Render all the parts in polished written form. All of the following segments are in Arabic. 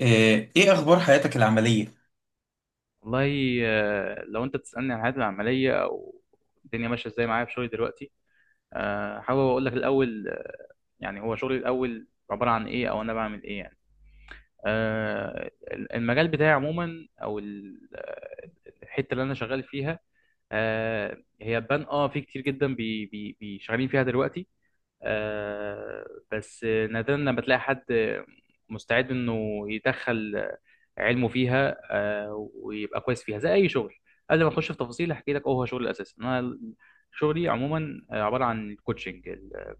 ايه اخبار حياتك العمليه؟ والله لو انت بتسألني عن حياتي العملية او الدنيا ماشية ازاي معايا في شغلي دلوقتي. حابب اقول لك الاول. يعني هو شغلي الاول عبارة عن ايه او انا بعمل ايه يعني. آه، المجال بتاعي عموما، او الحتة اللي انا شغال فيها. هي بان في كتير جدا بي بي بي شغالين فيها دلوقتي. آه، بس نادرا لما تلاقي حد مستعد انه يدخل علمه فيها ويبقى كويس فيها زي اي شغل. قبل ما اخش في تفاصيل هحكي لك هو شغل الاساس. انا شغلي عموما عباره عن الكوتشنج.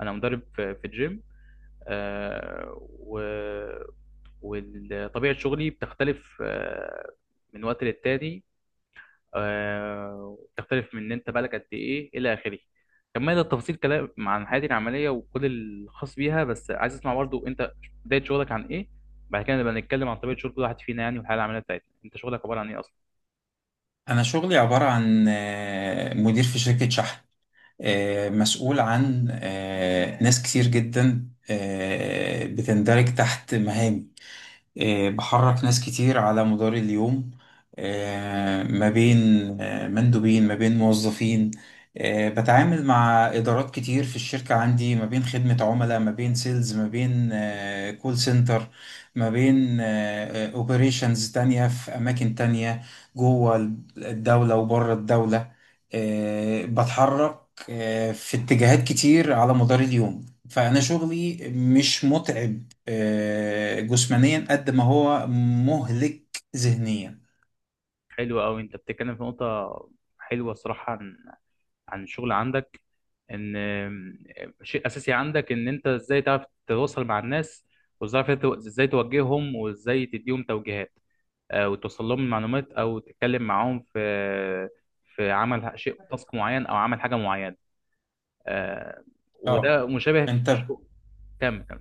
انا مدرب في الجيم. آه، و- وطبيعه شغلي بتختلف من وقت للتاني. تختلف من ان انت بقالك قد ايه الى اخره. كمل التفاصيل كلام عن حياتي العمليه وكل الخاص بيها، بس عايز اسمع برضو انت بدايه شغلك عن ايه. بعد كده نبقى نتكلم عن طبيعه شغل كل واحد فينا يعني، والحياه العمليه بتاعتنا. انت شغلك عباره عن ايه اصلا؟ انا شغلي عباره عن مدير في شركه شحن. مسؤول عن ناس كتير جدا بتندرج تحت مهامي. بحرك ناس كتير على مدار اليوم، ما بين مندوبين، ما بين موظفين. بتعامل مع إدارات كتير في الشركة عندي، ما بين خدمة عملاء، ما بين سيلز، ما بين كول سنتر، ما بين اوبريشنز تانية في أماكن تانية، جوه الدولة وبره الدولة. بتحرك في اتجاهات كتير على مدار اليوم، فأنا شغلي مش متعب جسمانيا قد ما هو مهلك ذهنيا. حلو قوي، انت بتتكلم في نقطه حلوه الصراحه عن الشغل عندك. ان شيء اساسي عندك ان انت ازاي تعرف تتواصل مع الناس، وازاي تعرف ازاي توجههم، وازاي تديهم توجيهات وتوصل لهم المعلومات، او تتكلم معاهم في عمل شيء تاسك معين او عمل حاجه معينه. آه، اه، وده مشابه في انت كم.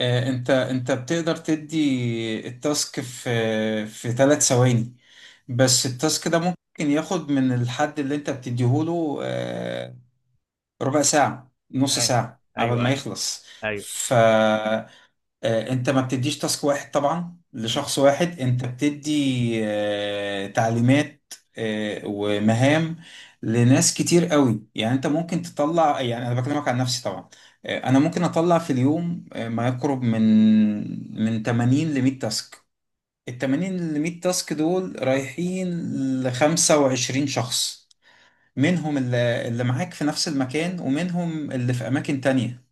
انت بتقدر تدي التاسك في في 3 ثواني، بس التاسك ده ممكن ياخد من الحد اللي انت بتديهوله ربع ساعة، نص ايوه، ساعة قبل ايوه، ما ايوه، يخلص. ايوه. ف انت ما بتديش تاسك واحد طبعا مم. لشخص واحد، انت بتدي تعليمات ومهام لناس كتير قوي. يعني انت ممكن تطلع، يعني انا بكلمك عن نفسي طبعا، انا ممكن اطلع في اليوم ما يقرب من من 80 ل 100 تاسك. ال 80 ل 100 تاسك دول رايحين ل 25 شخص، منهم اللي معاك في نفس المكان، ومنهم اللي في اماكن تانية.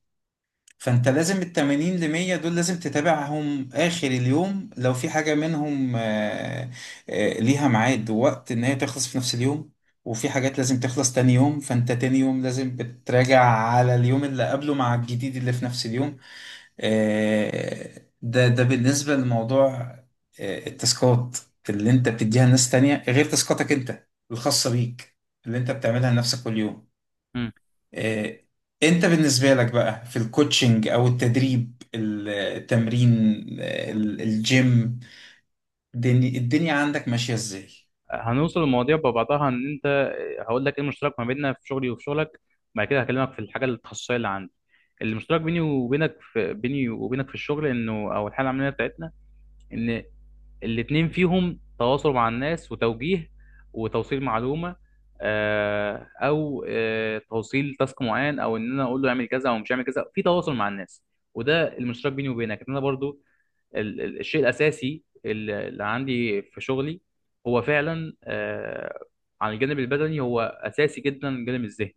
فانت لازم ال 80 ل 100 دول لازم تتابعهم اخر اليوم، لو في حاجه منهم ليها ميعاد ووقت ان هي تخلص في نفس اليوم، وفي حاجات لازم تخلص تاني يوم، فانت تاني يوم لازم بتراجع على اليوم اللي قبله مع الجديد اللي في نفس اليوم. ده بالنسبه لموضوع التاسكات اللي انت بتديها لناس تانية، غير تاسكاتك انت الخاصه بيك اللي انت بتعملها لنفسك كل يوم. مم. آه، انت بالنسبة لك بقى في الكوتشنج او التدريب، التمرين، الجيم، الدنيا عندك ماشية ازاي؟ هنوصل للمواضيع ببعضها ان انت، هقول لك ايه المشترك ما بيننا في شغلي وفي شغلك. بعد كده هكلمك في الحاجه التخصصيه اللي عندي. المشترك بيني وبينك في الشغل، انه او الحاله العمليه بتاعتنا، ان الاتنين فيهم تواصل مع الناس وتوجيه وتوصيل معلومة، أو توصيل تاسك معين، أو إن أنا أقول له يعمل كذا أو مش يعمل كذا. في تواصل مع الناس، وده المشترك بيني وبينك. إن أنا برضو الشيء الأساسي اللي عندي في شغلي هو فعلا، عن الجانب البدني، هو أساسي جدا الجانب الذهني.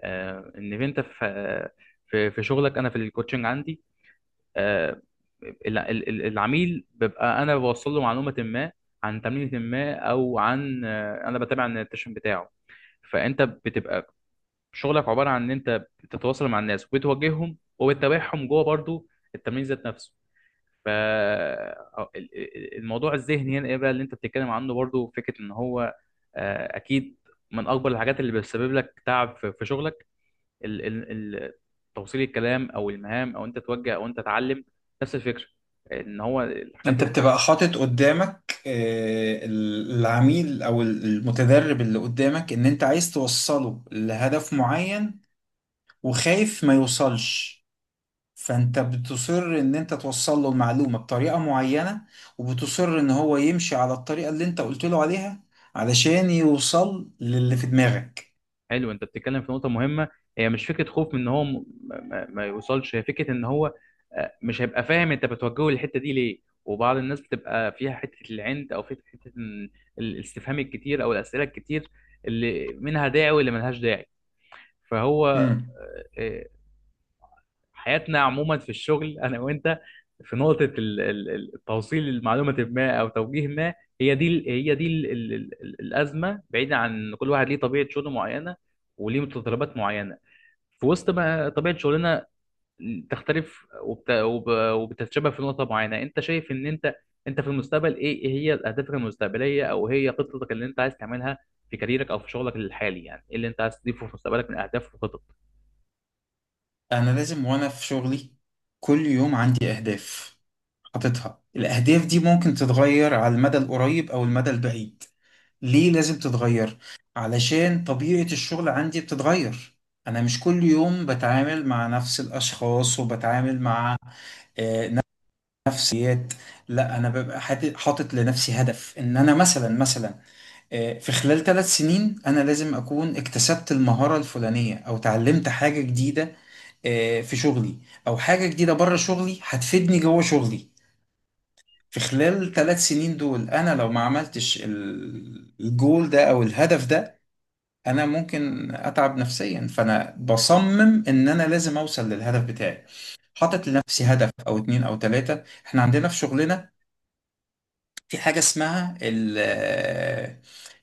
إن أنت في في شغلك، أنا في الكوتشنج عندي آه، العميل ببقى انا بوصل له معلومه ما عن تمرينه ما، او عن انا بتابع النوتيشن بتاعه. فانت بتبقى شغلك عباره عن ان انت بتتواصل مع الناس وبتوجههم وبتتابعهم جوه برضو التمرين ذات نفسه. ف أو- ال- ال- الموضوع الذهني هنا ايه بقى اللي انت بتتكلم عنه؟ برضو فكره ان هو اكيد من اكبر الحاجات اللي بتسبب لك تعب في شغلك، ال ال ال توصيل الكلام او المهام، او انت توجه او انت تعلم. نفس الفكره، ان هو الحاجات انت اللي... بتبقى حاطط قدامك العميل او المتدرب اللي قدامك، ان انت عايز توصله لهدف معين وخايف ما يوصلش، فانت بتصر ان انت توصل له المعلومة بطريقة معينة، وبتصر ان هو يمشي على الطريقة اللي انت قلت له عليها علشان يوصل للي في دماغك. حلو، انت بتتكلم في نقطه مهمه. هي مش فكره خوف من ان هو ما يوصلش، هي فكره ان هو مش هيبقى فاهم انت بتوجهه للحته دي ليه. وبعض الناس بتبقى فيها حته العند، او فيها حته إن الاستفهام الكتير او الاسئله الكتير، اللي منها داعي واللي ملهاش داعي. فهو امم. آه، حياتنا عموما في الشغل انا وانت، في نقطه توصيل المعلومه ما او توجيه ما، هي دي ال- هي دي ال- ال- ال- ال- الازمه، بعيدا عن إن كل واحد ليه طبيعه شغل معينه وليه متطلبات معينه. في وسط ما طبيعه شغلنا تختلف وبتتشابه في نقطه معينه، انت شايف ان انت في المستقبل إيه هي اهدافك المستقبليه، او هي خطتك اللي انت عايز تعملها في كاريرك او في شغلك الحالي؟ يعني ايه اللي انت عايز تضيفه في مستقبلك من اهداف وخطط؟ انا لازم وانا في شغلي كل يوم عندي اهداف حاططها. الاهداف دي ممكن تتغير على المدى القريب او المدى البعيد. ليه لازم تتغير؟ علشان طبيعة الشغل عندي بتتغير. انا مش كل يوم بتعامل مع نفس الاشخاص، وبتعامل مع آه، نفسيات. لا، انا ببقى حاطط لنفسي هدف ان انا مثلا في خلال 3 سنين انا لازم اكون اكتسبت المهارة الفلانية او اتعلمت حاجة جديدة في شغلي، او حاجه جديده بره شغلي هتفيدني جوه شغلي. في خلال ثلاث سنين دول انا لو ما عملتش الجول ده او الهدف ده، انا ممكن اتعب نفسيا، فانا بصمم ان انا لازم اوصل للهدف بتاعي. حاطط لنفسي هدف او اتنين او تلاتة. احنا عندنا في شغلنا في حاجة اسمها ال آه،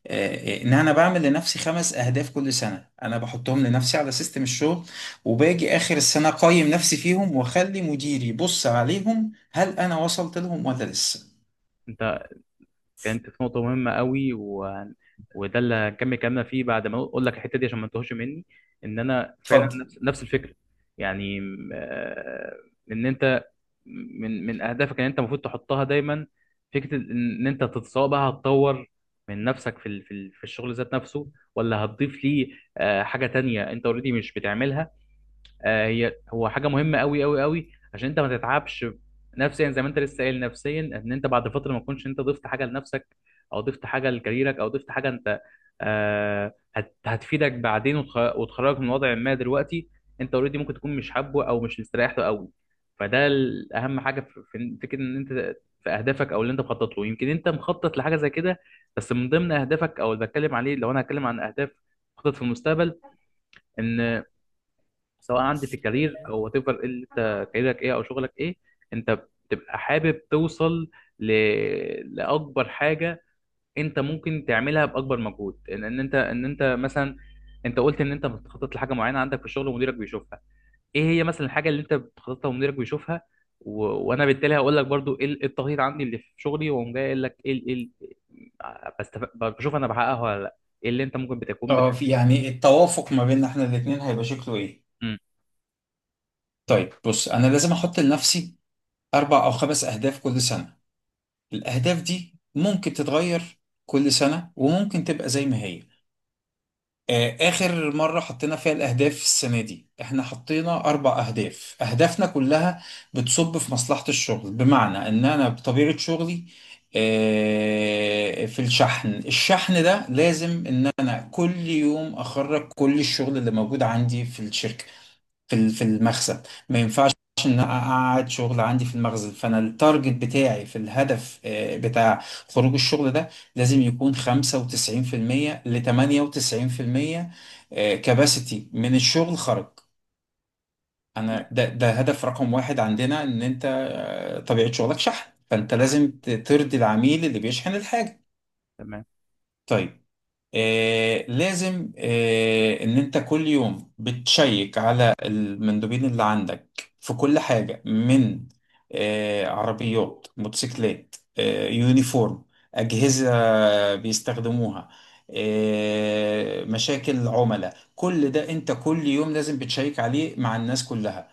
آه، ان انا بعمل لنفسي 5 اهداف كل سنة، انا بحطهم لنفسي على سيستم الشغل، وباجي اخر السنة اقيم نفسي فيهم، واخلي مديري يبص عليهم هل انا وصلت لهم ولا لسه. انت، كانت في نقطة مهمة قوي وده اللي هنكمل كلامنا فيه بعد ما اقول لك الحتة دي عشان ما تتوهش مني. ان انا فعلا اتفضل. نفس الفكرة يعني. ان انت، من اهدافك ان انت المفروض تحطها دايما فكرة ان انت سواء بقى هتطور من نفسك في الشغل ذات نفسه، ولا هتضيف ليه حاجة تانية انت اوريدي مش بتعملها. آه، هي هو حاجه مهمه قوي قوي قوي عشان انت ما تتعبش نفسيا، زي ما انت لسه قايل نفسيا، ان انت بعد فتره ما تكونش انت ضفت حاجه لنفسك، او ضفت حاجه لكاريرك، او ضفت حاجه انت هتفيدك بعدين وتخرجك من وضع ما دلوقتي، انت اوريدي ممكن تكون مش حابه او مش مستريح له قوي. فده اهم حاجه في فكره ان انت في اهدافك او اللي انت مخطط له. يمكن انت مخطط لحاجه زي كده، بس من ضمن اهدافك او اللي بتكلم عليه. لو انا هتكلم عن اهداف مخطط في المستقبل، ان سواء عندي في الكارير او وات ايفر، انت كاريرك ايه او شغلك ايه، انت بتبقى حابب توصل ل... لاكبر حاجه انت ممكن تعملها باكبر مجهود. ان انت مثلا، انت قلت ان انت بتخطط لحاجه معينه عندك في الشغل ومديرك بيشوفها. ايه هي مثلا الحاجه اللي انت بتخططها ومديرك بيشوفها؟ وانا بالتالي هقول لك برضو إيه التخطيط عندي اللي في شغلي، واقوم جاي قايل لك بشوف انا بحققها ولا لا. ايه اللي انت ممكن بتكون اه، في- يعني التوافق ما بيننا احنا الاتنين هيبقى شكله ايه؟ مم. طيب بص، انا لازم احط لنفسي 4 او 5 اهداف كل سنة. الاهداف دي ممكن تتغير كل سنة، وممكن تبقى زي ما هي. آخر مرة حطينا فيها الأهداف السنة دي، إحنا حطينا 4 أهداف. أهدافنا كلها بتصب في مصلحة الشغل. بمعنى، إن أنا بطبيعة شغلي في الشحن، الشحن ده لازم إن أنا كل يوم أخرج كل الشغل اللي موجود عندي في الشركة، في في المخزن. ما ينفعش ان أنا اقعد شغل عندي في المخزن. فانا التارجت بتاعي في الهدف بتاع خروج الشغل ده لازم يكون 95% ل 98% كباسيتي من الشغل خرج. مم. انا ده هدف رقم واحد عندنا، ان انت طبيعة شغلك شحن، فانت تمام، لازم ترضي العميل اللي بيشحن الحاجة. تمام. طيب، آه لازم آه ان انت كل يوم بتشيك على المندوبين اللي عندك في كل حاجة، من آه عربيات، موتوسيكلات، آه يونيفورم، أجهزة بيستخدموها، آه مشاكل عملاء. كل ده انت كل يوم لازم بتشيك عليه مع الناس كلها،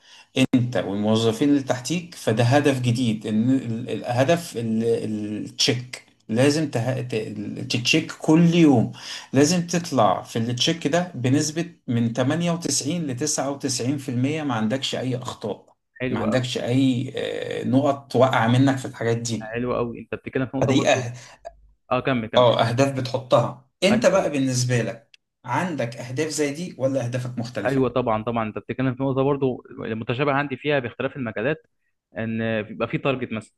انت والموظفين اللي تحتيك. فده هدف جديد، ان هدف التشيك لازم تتشيك كل يوم. لازم تطلع في التشيك ده بنسبة من 98 ل 99%، ما عندكش اي اخطاء، حلو ما قوي. عندكش اي نقط واقعة منك في الحاجات دي. حلو قوي، انت بتتكلم في نقطه فدي برضو. أه... اه، كمل، كمل. اه، اهداف بتحطها انت ايوه، بقى. ايوه. بالنسبة لك عندك اهداف زي دي، ولا اهدافك مختلفة؟ ايوه طبعا، طبعا، انت بتتكلم في نقطه برضو المتشابه عندي فيها باختلاف المجالات، ان بيبقى في تارجت مثلا.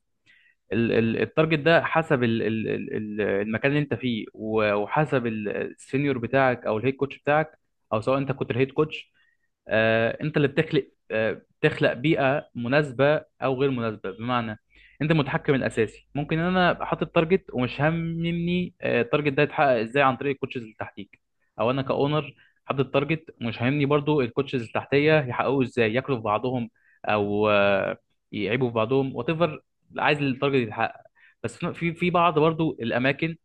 التارجت ده حسب المكان اللي انت فيه، وحسب السينيور بتاعك او الهيد كوتش بتاعك، او سواء انت كنت الهيد كوتش. انت اللي بتخلق بيئه مناسبه او غير مناسبه، بمعنى انت المتحكم الاساسي. ممكن ان انا ابقى حاطط تارجت ومش هاممني التارجت ده يتحقق ازاي عن طريق الكوتشز اللي تحتيك، او انا كاونر حاطط تارجت ومش هاممني برضو الكوتشز اللي تحتيه يحققوه ازاي، ياكلوا في بعضهم او يعيبوا في بعضهم وات ايفر، عايز التارجت يتحقق. بس في بعض برضو الاماكن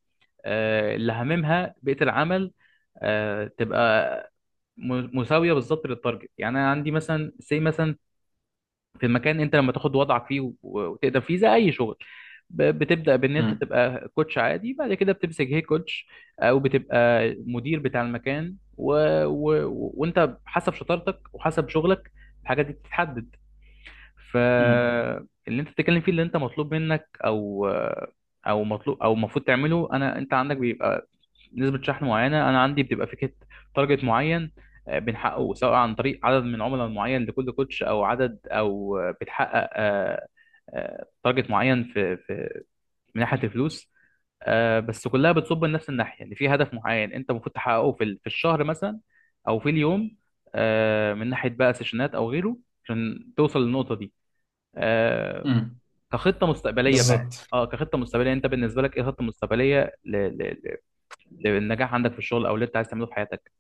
اللي هاممها بيئه العمل تبقى مساويه بالظبط للتارجت. يعني انا عندي مثلا، سي مثلا، في المكان انت لما تاخد وضعك فيه وتقدر فيه زي اي شغل، بتبدا بان انت امم. تبقى كوتش عادي. بعد كده بتمسك هي كوتش، او بتبقى مدير بتاع المكان، وانت حسب شطارتك وحسب شغلك الحاجات دي بتتحدد. امم. فاللي انت بتتكلم فيه، اللي انت مطلوب منك او مطلوب او المفروض تعمله، انا، انت عندك بيبقى نسبة شحن معينة، أنا عندي بتبقى فكرة تارجت معين بنحققه سواء عن طريق عدد من عملاء معين لكل كوتش، أو عدد، أو بتحقق تارجت معين، في من ناحية الفلوس. بس كلها بتصب لنفس الناحية، إن في هدف معين أنت المفروض تحققه في الشهر مثلا، أو في اليوم، من ناحية بقى سيشنات أو غيره، عشان توصل للنقطة دي. آه، امم. كخطة مستقبلية بقى، بالظبط. اه كخطة مستقبلية أنت بالنسبة لك إيه خطة مستقبلية للنجاح عندك في الشغل، او اللي انت عايز تعمله في حياتك؟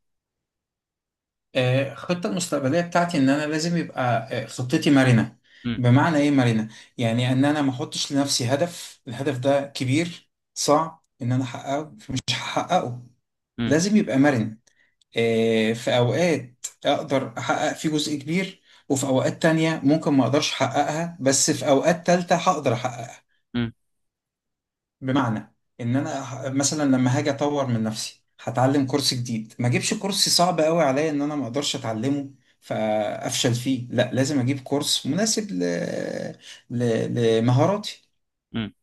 الخطة المستقبلية بتاعتي إن أنا لازم يبقى خطتي مرنة. امم. بمعنى إيه مرنة؟ يعني إن أنا ما أحطش لنفسي هدف، الهدف ده كبير صعب إن أنا أحققه فمش هحققه. امم. لازم يبقى مرن. في أوقات أقدر أحقق فيه جزء كبير، وفي أوقات تانية ممكن ما أقدرش أحققها، بس في أوقات تالتة هقدر أحققها. امم. بمعنى ان انا مثلا لما هاجي اطور من نفسي هتعلم كورس جديد، ما اجيبش كورس صعب قوي عليا ان انا ما اقدرش اتعلمه فافشل فيه. لا، لازم اجيب كورس مناسب لمهاراتي. امم.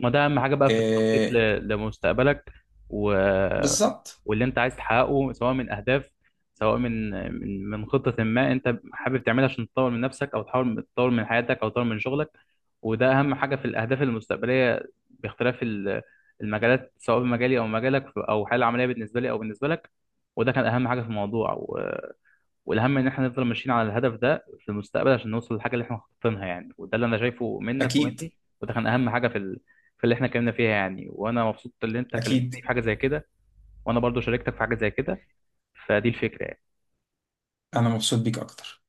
ما ده اهم حاجه بقى في التخطيط إيه. لمستقبلك، و... بالظبط. واللي انت عايز تحققه، سواء من اهداف، سواء من خطه ما انت حابب تعملها عشان تطور من نفسك، او تحاول تطور من حياتك، او تطور من شغلك. وده اهم حاجه في الاهداف المستقبليه، باختلاف المجالات، سواء في مجالي او مجالك، او الحاله العمليه بالنسبه لي او بالنسبه لك. وده كان اهم حاجه في الموضوع، والاهم ان احنا نفضل ماشيين على الهدف ده في المستقبل عشان نوصل للحاجه اللي احنا خاططينها يعني، وده اللي انا شايفه منك اكيد. ومني. وده كان اهم حاجه في في اللي احنا اتكلمنا فيها يعني. وانا مبسوط ان انت اكيد. كلمتني في حاجه زي كده، وانا برضو شاركتك في حاجه زي كده. فدي الفكره يعني. انا مبسوط بيك اكتر.